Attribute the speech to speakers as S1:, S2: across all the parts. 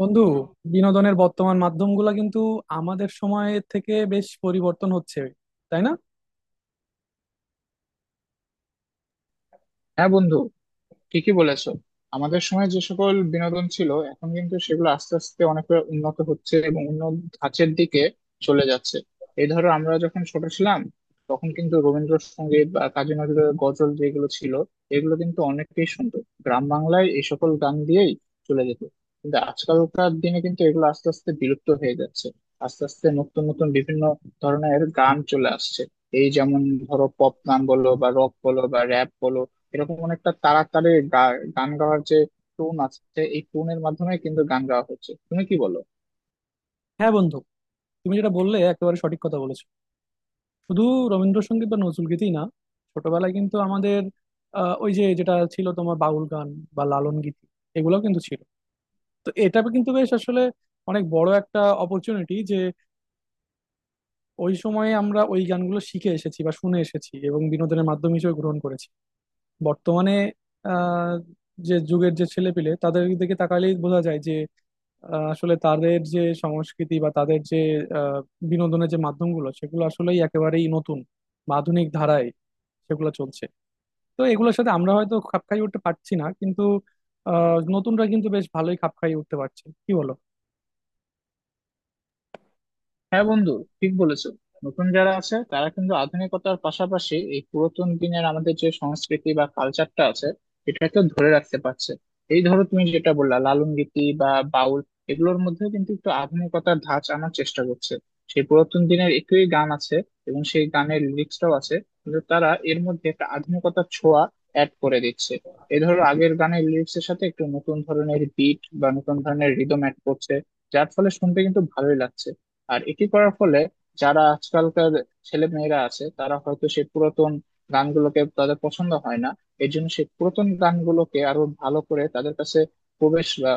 S1: বন্ধু, বিনোদনের বর্তমান মাধ্যমগুলো কিন্তু আমাদের সময়ের থেকে বেশ পরিবর্তন হচ্ছে, তাই না?
S2: হ্যাঁ বন্ধু, ঠিকই বলেছো। আমাদের সময় যে সকল বিনোদন ছিল এখন কিন্তু সেগুলো আস্তে আস্তে অনেকটা উন্নত হচ্ছে এবং উন্নত ধাঁচের দিকে চলে যাচ্ছে। এই ধরো আমরা যখন ছোট ছিলাম তখন কিন্তু রবীন্দ্রসঙ্গীত বা কাজী নজরুলের গজল যেগুলো ছিল এগুলো কিন্তু অনেকেই শুনতো। গ্রাম বাংলায় এই সকল গান দিয়েই চলে যেত। কিন্তু আজকালকার দিনে কিন্তু এগুলো আস্তে আস্তে বিলুপ্ত হয়ে যাচ্ছে। আস্তে আস্তে নতুন নতুন বিভিন্ন ধরনের গান চলে আসছে। এই যেমন ধরো পপ গান বলো বা রক বলো বা র্যাপ বলো, এরকম অনেকটা তাড়াতাড়ি গান গাওয়ার যে টোন আছে এই টোনের মাধ্যমে কিন্তু গান গাওয়া হচ্ছে। তুমি কি বলো?
S1: হ্যাঁ বন্ধু, তুমি যেটা বললে একেবারে সঠিক কথা বলেছো। শুধু রবীন্দ্রসঙ্গীত বা নজরুলগীতি না, ছোটবেলায় কিন্তু আমাদের ওই যে যেটা ছিল তোমার বাউল গান বা লালন গীতি, এগুলোও কিন্তু ছিল। তো এটা কিন্তু বেশ আসলে অনেক বড় একটা অপরচুনিটি যে ওই সময়ে আমরা ওই গানগুলো শিখে এসেছি বা শুনে এসেছি এবং বিনোদনের মাধ্যম হিসেবে গ্রহণ করেছি। বর্তমানে আহ, যে যুগের যে ছেলেপিলে তাদের দিকে তাকালেই বোঝা যায় যে আসলে তাদের যে সংস্কৃতি বা তাদের যে আহ, বিনোদনের যে মাধ্যমগুলো, সেগুলো আসলেই একেবারেই নতুন বা আধুনিক ধারায় সেগুলো চলছে। তো এগুলোর সাথে আমরা হয়তো খাপ খাইয়ে উঠতে পারছি না, কিন্তু নতুনরা কিন্তু বেশ ভালোই খাপ খাইয়ে উঠতে পারছে, কি বলো?
S2: হ্যাঁ বন্ধু, ঠিক বলেছো। নতুন যারা আছে তারা কিন্তু আধুনিকতার পাশাপাশি এই পুরাতন দিনের আমাদের যে সংস্কৃতি বা কালচারটা আছে এটাকে ধরে রাখতে পারছে। এই ধরো তুমি যেটা বললা লালন গীতি বা বাউল, এগুলোর মধ্যে কিন্তু একটু আধুনিকতার ধাঁচ আনার চেষ্টা করছে। সেই পুরাতন দিনের একই গান আছে এবং সেই গানের লিরিক্সটাও আছে, কিন্তু তারা এর মধ্যে একটা আধুনিকতার ছোঁয়া অ্যাড করে দিচ্ছে। এই ধরো আগের গানের লিরিক্সের সাথে একটু নতুন ধরনের বিট বা নতুন ধরনের রিদম অ্যাড করছে, যার ফলে শুনতে কিন্তু ভালোই লাগছে। আর এটি করার ফলে যারা আজকালকার ছেলে মেয়েরা আছে তারা হয়তো সেই পুরাতন গানগুলোকে তাদের পছন্দ হয় না। এর জন্য সেই পুরাতন গানগুলোকে আরো ভালো করে তাদের কাছে প্রবেশ বা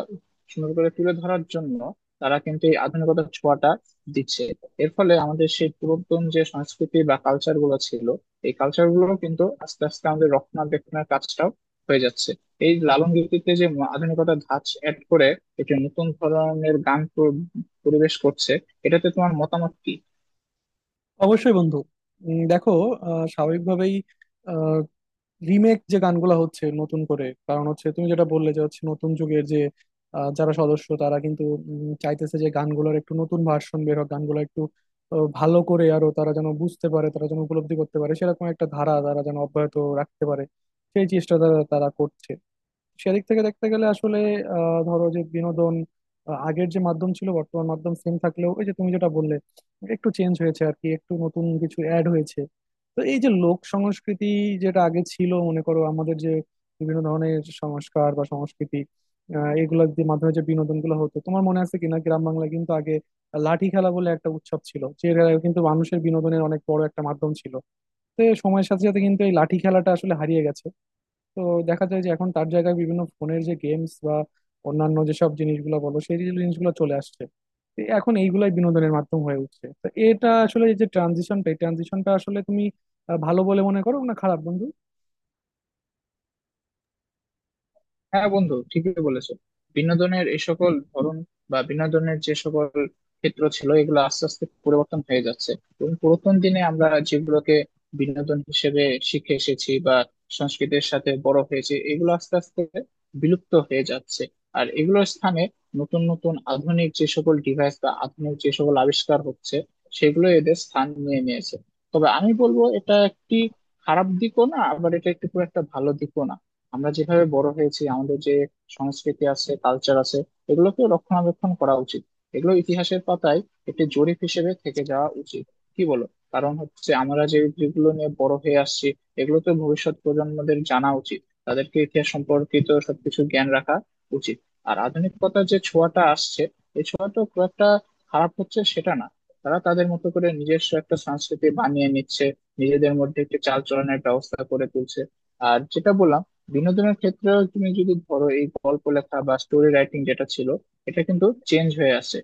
S2: সুন্দর করে তুলে ধরার জন্য তারা কিন্তু এই আধুনিকতার ছোঁয়াটা দিচ্ছে। এর ফলে আমাদের সেই পুরাতন যে সংস্কৃতি বা কালচার গুলো ছিল, এই কালচার গুলো কিন্তু আস্তে আস্তে আমাদের রক্ষণাবেক্ষণের কাজটাও হয়ে যাচ্ছে। এই লালন গীতিতে যে আধুনিকতার ধাঁচ অ্যাড করে একটি নতুন ধরনের গান পরিবেশ করছে, এটাতে তোমার মতামত কি?
S1: অবশ্যই বন্ধু। দেখো, স্বাভাবিকভাবেই রিমেক যে গানগুলো হচ্ছে নতুন করে, কারণ হচ্ছে তুমি যেটা বললে যে, হচ্ছে নতুন যুগের যে যারা সদস্য তারা কিন্তু চাইতেছে যে গানগুলোর একটু নতুন ভার্সন বের হোক, গানগুলো একটু ভালো করে আরো তারা যেন বুঝতে পারে, তারা যেন উপলব্ধি করতে পারে, সেরকম একটা ধারা তারা যেন অব্যাহত রাখতে পারে। সেই চেষ্টা তারা তারা করছে। সেদিক থেকে দেখতে গেলে আসলে ধরো যে বিনোদন আগের যে মাধ্যম ছিল, বর্তমান মাধ্যম সেম থাকলেও ওই যে তুমি যেটা বললে, একটু চেঞ্জ হয়েছে আর কি, একটু নতুন কিছু অ্যাড হয়েছে। তো এই যে লোক সংস্কৃতি যেটা আগে ছিল, মনে করো আমাদের যে বিভিন্ন ধরনের সংস্কার বা সংস্কৃতি, এগুলোর যে মাধ্যমে যে বিনোদন গুলো হতো, তোমার মনে আছে কিনা গ্রাম বাংলায় কিন্তু আগে লাঠি খেলা বলে একটা উৎসব ছিল, যেটা কিন্তু মানুষের বিনোদনের অনেক বড় একটা মাধ্যম ছিল। তো সময়ের সাথে সাথে কিন্তু এই লাঠি খেলাটা আসলে হারিয়ে গেছে। তো দেখা যায় যে এখন তার জায়গায় বিভিন্ন ফোনের যে গেমস বা অন্যান্য যেসব জিনিসগুলো বলো, সেই জিনিসগুলো চলে আসছে। তো এখন এইগুলাই বিনোদনের মাধ্যম হয়ে উঠছে। তো এটা আসলে এই যে ট্রানজিশনটা, এই ট্রানজিশনটা আসলে তুমি ভালো বলে মনে করো না খারাপ, বন্ধু?
S2: হ্যাঁ বন্ধু, ঠিকই বলেছো। বিনোদনের এই সকল ধরন বা বিনোদনের যে সকল ক্ষেত্র ছিল এগুলো আস্তে আস্তে পরিবর্তন হয়ে যাচ্ছে। এবং পুরাতন দিনে আমরা যেগুলোকে বিনোদন হিসেবে শিখে এসেছি বা সংস্কৃতির সাথে বড় হয়েছে এগুলো আস্তে আস্তে বিলুপ্ত হয়ে যাচ্ছে। আর এগুলোর স্থানে নতুন নতুন আধুনিক যে সকল ডিভাইস বা আধুনিক যে সকল আবিষ্কার হচ্ছে সেগুলো এদের স্থান নিয়ে নিয়েছে। তবে আমি বলবো এটা একটি খারাপ দিকও না, আবার এটা একটু খুব একটা ভালো দিকও না। আমরা যেভাবে বড় হয়েছি আমাদের যে সংস্কৃতি আছে কালচার আছে এগুলোকে রক্ষণাবেক্ষণ করা উচিত। এগুলো ইতিহাসের পাতায় একটি জরিপ হিসেবে থেকে যাওয়া উচিত, কি বলো? কারণ হচ্ছে আমরা যে যেগুলো নিয়ে বড় হয়ে আসছি এগুলো তো ভবিষ্যৎ প্রজন্মদের জানা উচিত। তাদেরকে ইতিহাস সম্পর্কিত সবকিছু জ্ঞান রাখা উচিত। আর আধুনিকতার যে ছোঁয়াটা আসছে এই ছোঁয়াটা খুব একটা খারাপ হচ্ছে সেটা না। তারা তাদের মতো করে নিজস্ব একটা সংস্কৃতি বানিয়ে নিচ্ছে, নিজেদের মধ্যে একটি চালচলনের ব্যবস্থা করে তুলছে। আর যেটা বললাম, বিনোদনের ক্ষেত্রেও তুমি যদি ধরো এই গল্প লেখা বা স্টোরি রাইটিং যেটা ছিল এটা কিন্তু চেঞ্জ হয়ে আসছে।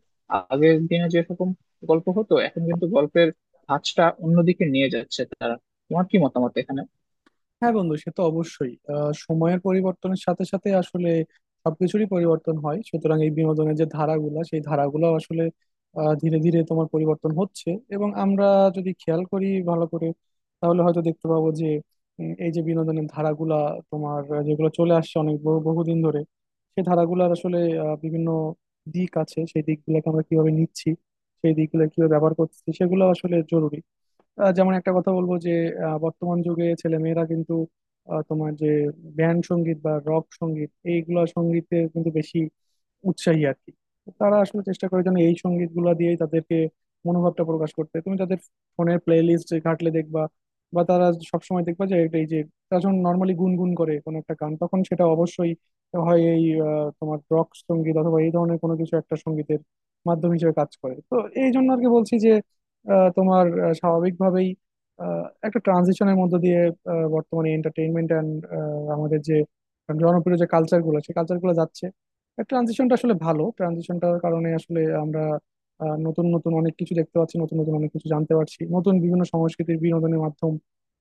S2: আগের দিনে যেরকম গল্প হতো এখন কিন্তু গল্পের ধাঁচটা অন্যদিকে নিয়ে যাচ্ছে তারা। তোমার কি মতামত এখানে?
S1: হ্যাঁ বন্ধু, সে তো অবশ্যই। সময়ের পরিবর্তনের সাথে সাথে আসলে সবকিছুরই পরিবর্তন হয়, সুতরাং এই বিনোদনের যে ধারাগুলো, সেই ধারাগুলো আসলে ধীরে ধীরে তোমার পরিবর্তন হচ্ছে। এবং আমরা যদি খেয়াল করি ভালো করে, তাহলে হয়তো দেখতে পাবো যে এই যে বিনোদনের ধারাগুলা তোমার যেগুলো চলে আসছে অনেক বহুদিন ধরে, সেই ধারাগুলার আসলে বিভিন্ন দিক আছে, সেই দিকগুলোকে আমরা কিভাবে নিচ্ছি, সেই দিকগুলো কিভাবে ব্যবহার করছি, সেগুলো আসলে জরুরি। যেমন একটা কথা বলবো যে বর্তমান যুগে ছেলে মেয়েরা কিন্তু তোমার যে ব্যান্ড সঙ্গীত বা রক সঙ্গীত, এইগুলা সঙ্গীতে কিন্তু বেশি উৎসাহী আর কি। তারা আসলে চেষ্টা করে যেন এই সঙ্গীত গুলা দিয়েই তাদেরকে মনোভাবটা প্রকাশ করতে। তুমি তাদের ফোনের প্লে লিস্ট ঘাটলে দেখবা, বা তারা সবসময় দেখবা যে এটা, এই যে তারা যখন নর্মালি গুনগুন করে কোনো একটা গান, তখন সেটা অবশ্যই হয় এই তোমার রক সঙ্গীত অথবা এই ধরনের কোনো কিছু একটা সঙ্গীতের মাধ্যম হিসেবে কাজ করে। তো এই জন্য আর কি বলছি যে তোমার স্বাভাবিকভাবেই একটা ট্রানজিশনের মধ্য দিয়ে বর্তমানে এন্টারটেইনমেন্ট অ্যান্ড আমাদের যে জনপ্রিয় যে কালচার গুলো, সেই কালচার গুলো যাচ্ছে। ট্রানজিশনটা আসলে ভালো, ট্রানজিশনটার কারণে আসলে আমরা নতুন নতুন অনেক কিছু দেখতে পাচ্ছি, নতুন নতুন অনেক কিছু জানতে পারছি, নতুন বিভিন্ন সংস্কৃতির বিনোদনের মাধ্যম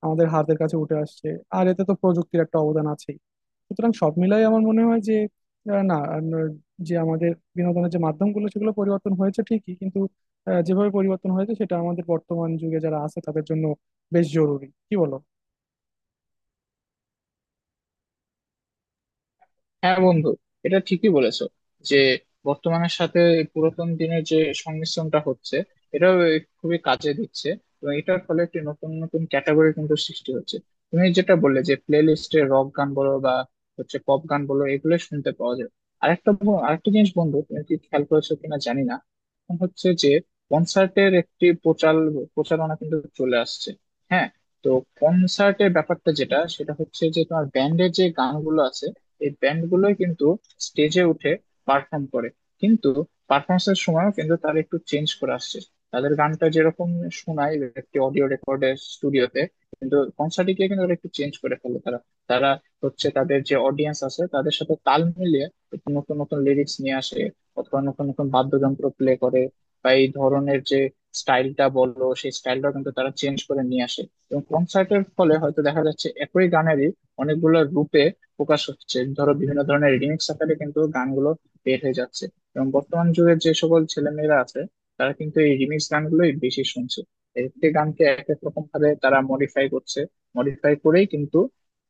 S1: আমাদের হাতের কাছে উঠে আসছে। আর এতে তো প্রযুক্তির একটা অবদান আছেই। সুতরাং সব মিলাই আমার মনে হয় যে আহ, না আহ, যে আমাদের বিনোদনের যে মাধ্যমগুলো সেগুলো পরিবর্তন হয়েছে ঠিকই, কিন্তু যেভাবে পরিবর্তন হয়েছে সেটা আমাদের বর্তমান যুগে যারা আছে তাদের জন্য বেশ জরুরি, কি বলো?
S2: হ্যাঁ বন্ধু, এটা ঠিকই বলেছো যে বর্তমানের সাথে এই পুরাতন দিনের যে সংমিশ্রণটা হচ্ছে এটা খুবই কাজে দিচ্ছে। এবং এটার ফলে একটি নতুন নতুন ক্যাটাগরি কিন্তু সৃষ্টি হচ্ছে। তুমি যেটা বললে যে প্লে লিস্টে রক গান বলো বা হচ্ছে পপ গান বলো এগুলো শুনতে পাওয়া যায়। আরেকটা আরেকটা জিনিস বন্ধু, তুমি কি খেয়াল করেছো কিনা জানি না, এখন হচ্ছে যে কনসার্টের একটি প্রচার প্রচারণা কিন্তু চলে আসছে। হ্যাঁ। তো কনসার্টের ব্যাপারটা যেটা সেটা হচ্ছে যে তোমার ব্যান্ডের যে গানগুলো আছে এই ব্যান্ড গুলোই কিন্তু স্টেজে উঠে পারফর্ম করে। কিন্তু পারফরমেন্স এর সময়ও কিন্তু তারা একটু চেঞ্জ করে আসছে। তাদের গানটা যেরকম শোনায় একটি অডিও রেকর্ডে স্টুডিওতে, কিন্তু কনসার্টে গিয়ে কিন্তু ওরা একটু চেঞ্জ করে ফেলে তারা। তারা হচ্ছে তাদের যে অডিয়েন্স আছে তাদের সাথে তাল মিলিয়ে একটু নতুন নতুন লিরিক্স নিয়ে আসে, অথবা নতুন নতুন বাদ্যযন্ত্র প্লে করে, বা এই ধরনের যে স্টাইলটা বললো সেই স্টাইলটা কিন্তু তারা চেঞ্জ করে নিয়ে আসে। এবং কনসার্টের ফলে হয়তো দেখা যাচ্ছে একই গানেরই অনেকগুলো রূপে প্রকাশ হচ্ছে, ধরো বিভিন্ন ধরনের রিমিক্স আকারে কিন্তু গানগুলো বের হয়ে যাচ্ছে। এবং বর্তমান যুগের যে সকল ছেলেমেয়েরা আছে তারা কিন্তু এই রিমিক্স গানগুলোই বেশি শুনছে। এক একটি গানকে এক এক রকম ভাবে তারা মডিফাই করছে, মডিফাই করেই কিন্তু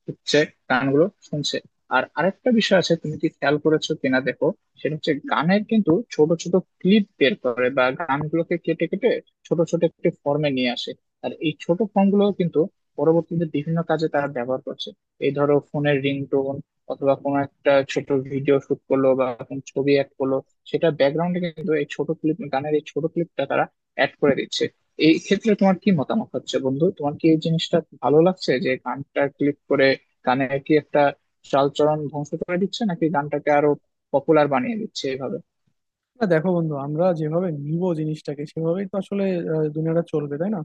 S2: হচ্ছে গানগুলো শুনছে। আর আরেকটা বিষয় আছে, তুমি কি খেয়াল করেছো কিনা দেখো, সেটা হচ্ছে গানের কিন্তু ছোট ছোট ক্লিপ বের করে বা গানগুলোকে কেটে কেটে ছোট ছোট একটি ফর্মে নিয়ে আসে। আর এই ছোট ফর্মগুলো কিন্তু পরবর্তীতে বিভিন্ন কাজে তারা ব্যবহার করছে। এই ধরো ফোনের রিংটোন অথবা কোনো একটা ছোট ভিডিও শুট করলো বা কোনো ছবি অ্যাড করলো, সেটা ব্যাকগ্রাউন্ডে কিন্তু এই ছোট ক্লিপ গানের এই ছোট ক্লিপটা তারা অ্যাড করে দিচ্ছে। এই ক্ষেত্রে তোমার কি মতামত হচ্ছে বন্ধু? তোমার কি এই জিনিসটা ভালো লাগছে যে গানটা ক্লিক করে গানে কি একটা চালচরণ ধ্বংস করে দিচ্ছে নাকি গানটাকে আরো পপুলার বানিয়ে দিচ্ছে এভাবে?
S1: না দেখো বন্ধু, আমরা যেভাবে নিব জিনিসটাকে সেভাবেই তো আসলে দুনিয়াটা চলবে, তাই না?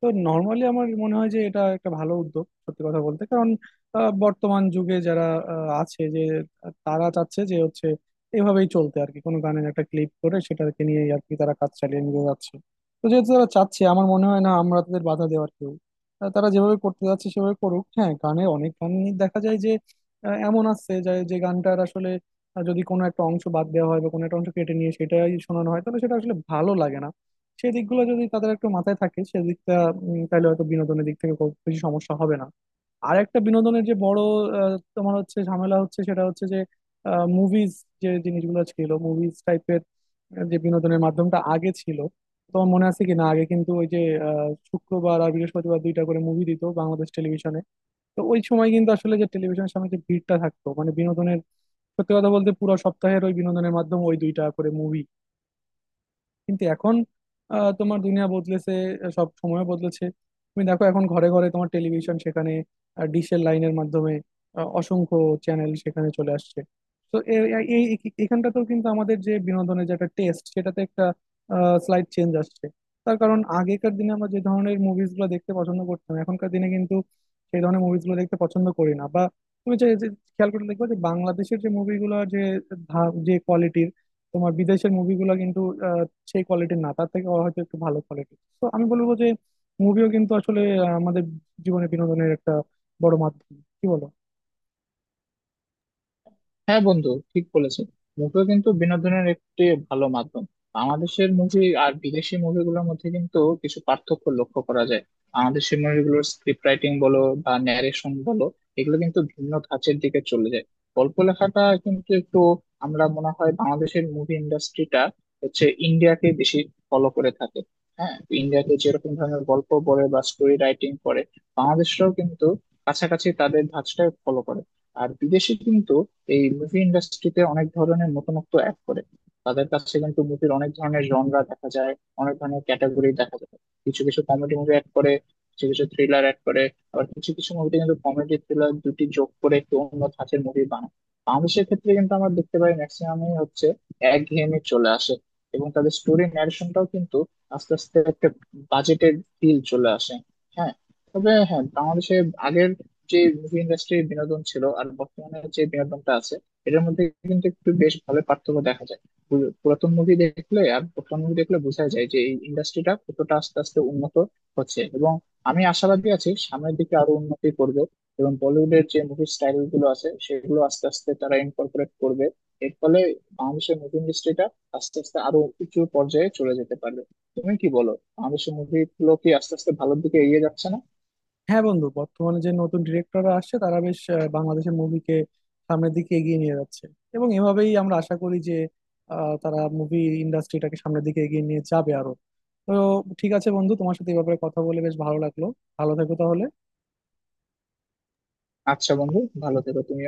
S1: তো নর্মালি আমার মনে হয় যে এটা একটা ভালো উদ্যোগ, সত্যি কথা বলতে। কারণ বর্তমান যুগে যারা আছে যে তারা চাচ্ছে যে, হচ্ছে এভাবেই চলতে আর কি। কোনো গানের একটা ক্লিপ করে সেটাকে নিয়ে আর কি তারা কাজ চালিয়ে নিয়ে যাচ্ছে। তো যেহেতু তারা চাচ্ছে, আমার মনে হয় না আমরা তাদের বাধা দেওয়ার কেউ। তারা যেভাবে করতে যাচ্ছে সেভাবে করুক। হ্যাঁ, গানে অনেক গান দেখা যায় যে এমন আছে যে গানটার আসলে আর যদি কোনো একটা অংশ বাদ দেওয়া হয় বা কোনো একটা অংশ কেটে নিয়ে সেটাই শোনানো হয়, তাহলে সেটা আসলে ভালো লাগে না। সেই দিকগুলো যদি তাদের একটু মাথায় থাকে, সেদিকটা তাহলে হয়তো বিনোদনের দিক থেকে খুব বেশি সমস্যা হবে না। আর একটা বিনোদনের যে বড় তোমার হচ্ছে ঝামেলা হচ্ছে, সেটা হচ্ছে যে মুভিজ, যে জিনিসগুলো ছিল মুভিজ টাইপের, যে বিনোদনের মাধ্যমটা আগে ছিল, তোমার মনে আছে কি না আগে কিন্তু ওই যে শুক্রবার আর বৃহস্পতিবার দুইটা করে মুভি দিত বাংলাদেশ টেলিভিশনে। তো ওই সময় কিন্তু আসলে যে টেলিভিশনের সামনে যে ভিড়টা থাকতো, মানে বিনোদনের, সত্যি কথা বলতে পুরো সপ্তাহের ওই বিনোদনের মাধ্যম ওই দুইটা করে মুভি। কিন্তু এখন তোমার দুনিয়া বদলেছে, সব সময় বদলেছে। তুমি দেখো এখন ঘরে ঘরে তোমার টেলিভিশন, সেখানে ডিশের লাইনের মাধ্যমে অসংখ্য চ্যানেল সেখানে চলে আসছে। তো এই এখানটাতেও কিন্তু আমাদের যে বিনোদনের যে একটা টেস্ট, সেটাতে একটা স্লাইড চেঞ্জ আসছে। তার কারণ, আগেকার দিনে আমরা যে ধরনের মুভিজ গুলো দেখতে পছন্দ করতাম, এখনকার দিনে কিন্তু সেই ধরনের মুভিজ গুলো দেখতে পছন্দ করি না। বা তুমি যে যে খেয়াল করে দেখবে যে বাংলাদেশের যে মুভিগুলো যে যে কোয়ালিটির, তোমার বিদেশের মুভিগুলো কিন্তু সেই কোয়ালিটির না, তার থেকে হয়তো একটু ভালো কোয়ালিটি। তো আমি বলবো যে মুভিও কিন্তু আসলে আমাদের জীবনে বিনোদনের একটা বড় মাধ্যম, কি বলো?
S2: হ্যাঁ বন্ধু, ঠিক বলেছো। মুভিও কিন্তু বিনোদনের একটি ভালো মাধ্যম। বাংলাদেশের মুভি আর বিদেশি মুভিগুলোর মধ্যে কিন্তু কিছু পার্থক্য লক্ষ্য করা যায়। বাংলাদেশি মুভিগুলোর স্ক্রিপ্ট রাইটিং বলো বা ন্যারেশন বলো, এগুলো কিন্তু ভিন্ন ধাঁচের দিকে চলে যায়। গল্প লেখাটা কিন্তু একটু, আমরা মনে হয় বাংলাদেশের মুভি ইন্ডাস্ট্রিটা হচ্ছে ইন্ডিয়াকে বেশি ফলো করে থাকে। হ্যাঁ। ইন্ডিয়াতে যেরকম ধরনের গল্প বলে বা স্টোরি রাইটিং করে, বাংলাদেশরাও কিন্তু কাছাকাছি তাদের ধাঁচটা ফলো করে। আর বিদেশে কিন্তু এই মুভি ইন্ডাস্ট্রিতে অনেক ধরনের নতুনত্ব অ্যাড করে। তাদের কাছে কিন্তু মুভির অনেক ধরনের জনরা দেখা যায়, অনেক ধরনের ক্যাটাগরি দেখা যায়। কিছু কিছু কমেডি মুভি অ্যাড করে, কিছু কিছু থ্রিলার অ্যাড করে, আবার কিছু কিছু মুভিতে কিন্তু কমেডি থ্রিলার দুটি যোগ করে একটু অন্য ধাঁচের মুভি বানায়। বাংলাদেশের ক্ষেত্রে কিন্তু আমরা দেখতে পাই ম্যাক্সিমামই হচ্ছে একঘেয়েমি চলে আসে। এবং তাদের স্টোরি ন্যারেশনটাও কিন্তু আস্তে আস্তে একটা বাজেটের ফিল চলে আসে। হ্যাঁ। তবে হ্যাঁ, বাংলাদেশে আগের যে মুভি ইন্ডাস্ট্রির বিনোদন ছিল আর বর্তমানে যে বিনোদনটা আছে এটার মধ্যে কিন্তু একটু বেশ ভালো পার্থক্য দেখা যায়। পুরাতন মুভি দেখলে আর বর্তমান মুভি দেখলে বোঝা যায় যে এই ইন্ডাস্ট্রিটা কতটা আস্তে আস্তে উন্নত হচ্ছে। এবং আমি আশাবাদী আছি সামনের দিকে আরো উন্নতি করবে, এবং বলিউডের যে মুভি স্টাইল গুলো আছে সেগুলো আস্তে আস্তে তারা ইনকর্পোরেট করবে। এর ফলে বাংলাদেশের মুভি ইন্ডাস্ট্রিটা আস্তে আস্তে আরো উঁচু পর্যায়ে চলে যেতে পারবে। তুমি কি বলো, বাংলাদেশের মুভি গুলো কি আস্তে আস্তে ভালোর দিকে এগিয়ে যাচ্ছে না?
S1: হ্যাঁ বন্ধু, বর্তমানে যে নতুন ডিরেক্টররা আসছে তারা বেশ বাংলাদেশের মুভিকে সামনের দিকে এগিয়ে নিয়ে যাচ্ছে। এবং এভাবেই আমরা আশা করি যে তারা মুভি ইন্ডাস্ট্রিটাকে সামনের দিকে এগিয়ে নিয়ে যাবে আরো। তো ঠিক আছে বন্ধু, তোমার সাথে এই ব্যাপারে কথা বলে বেশ ভালো লাগলো। ভালো থেকো তাহলে।
S2: আচ্ছা বন্ধু, ভালো থেকো তুমি।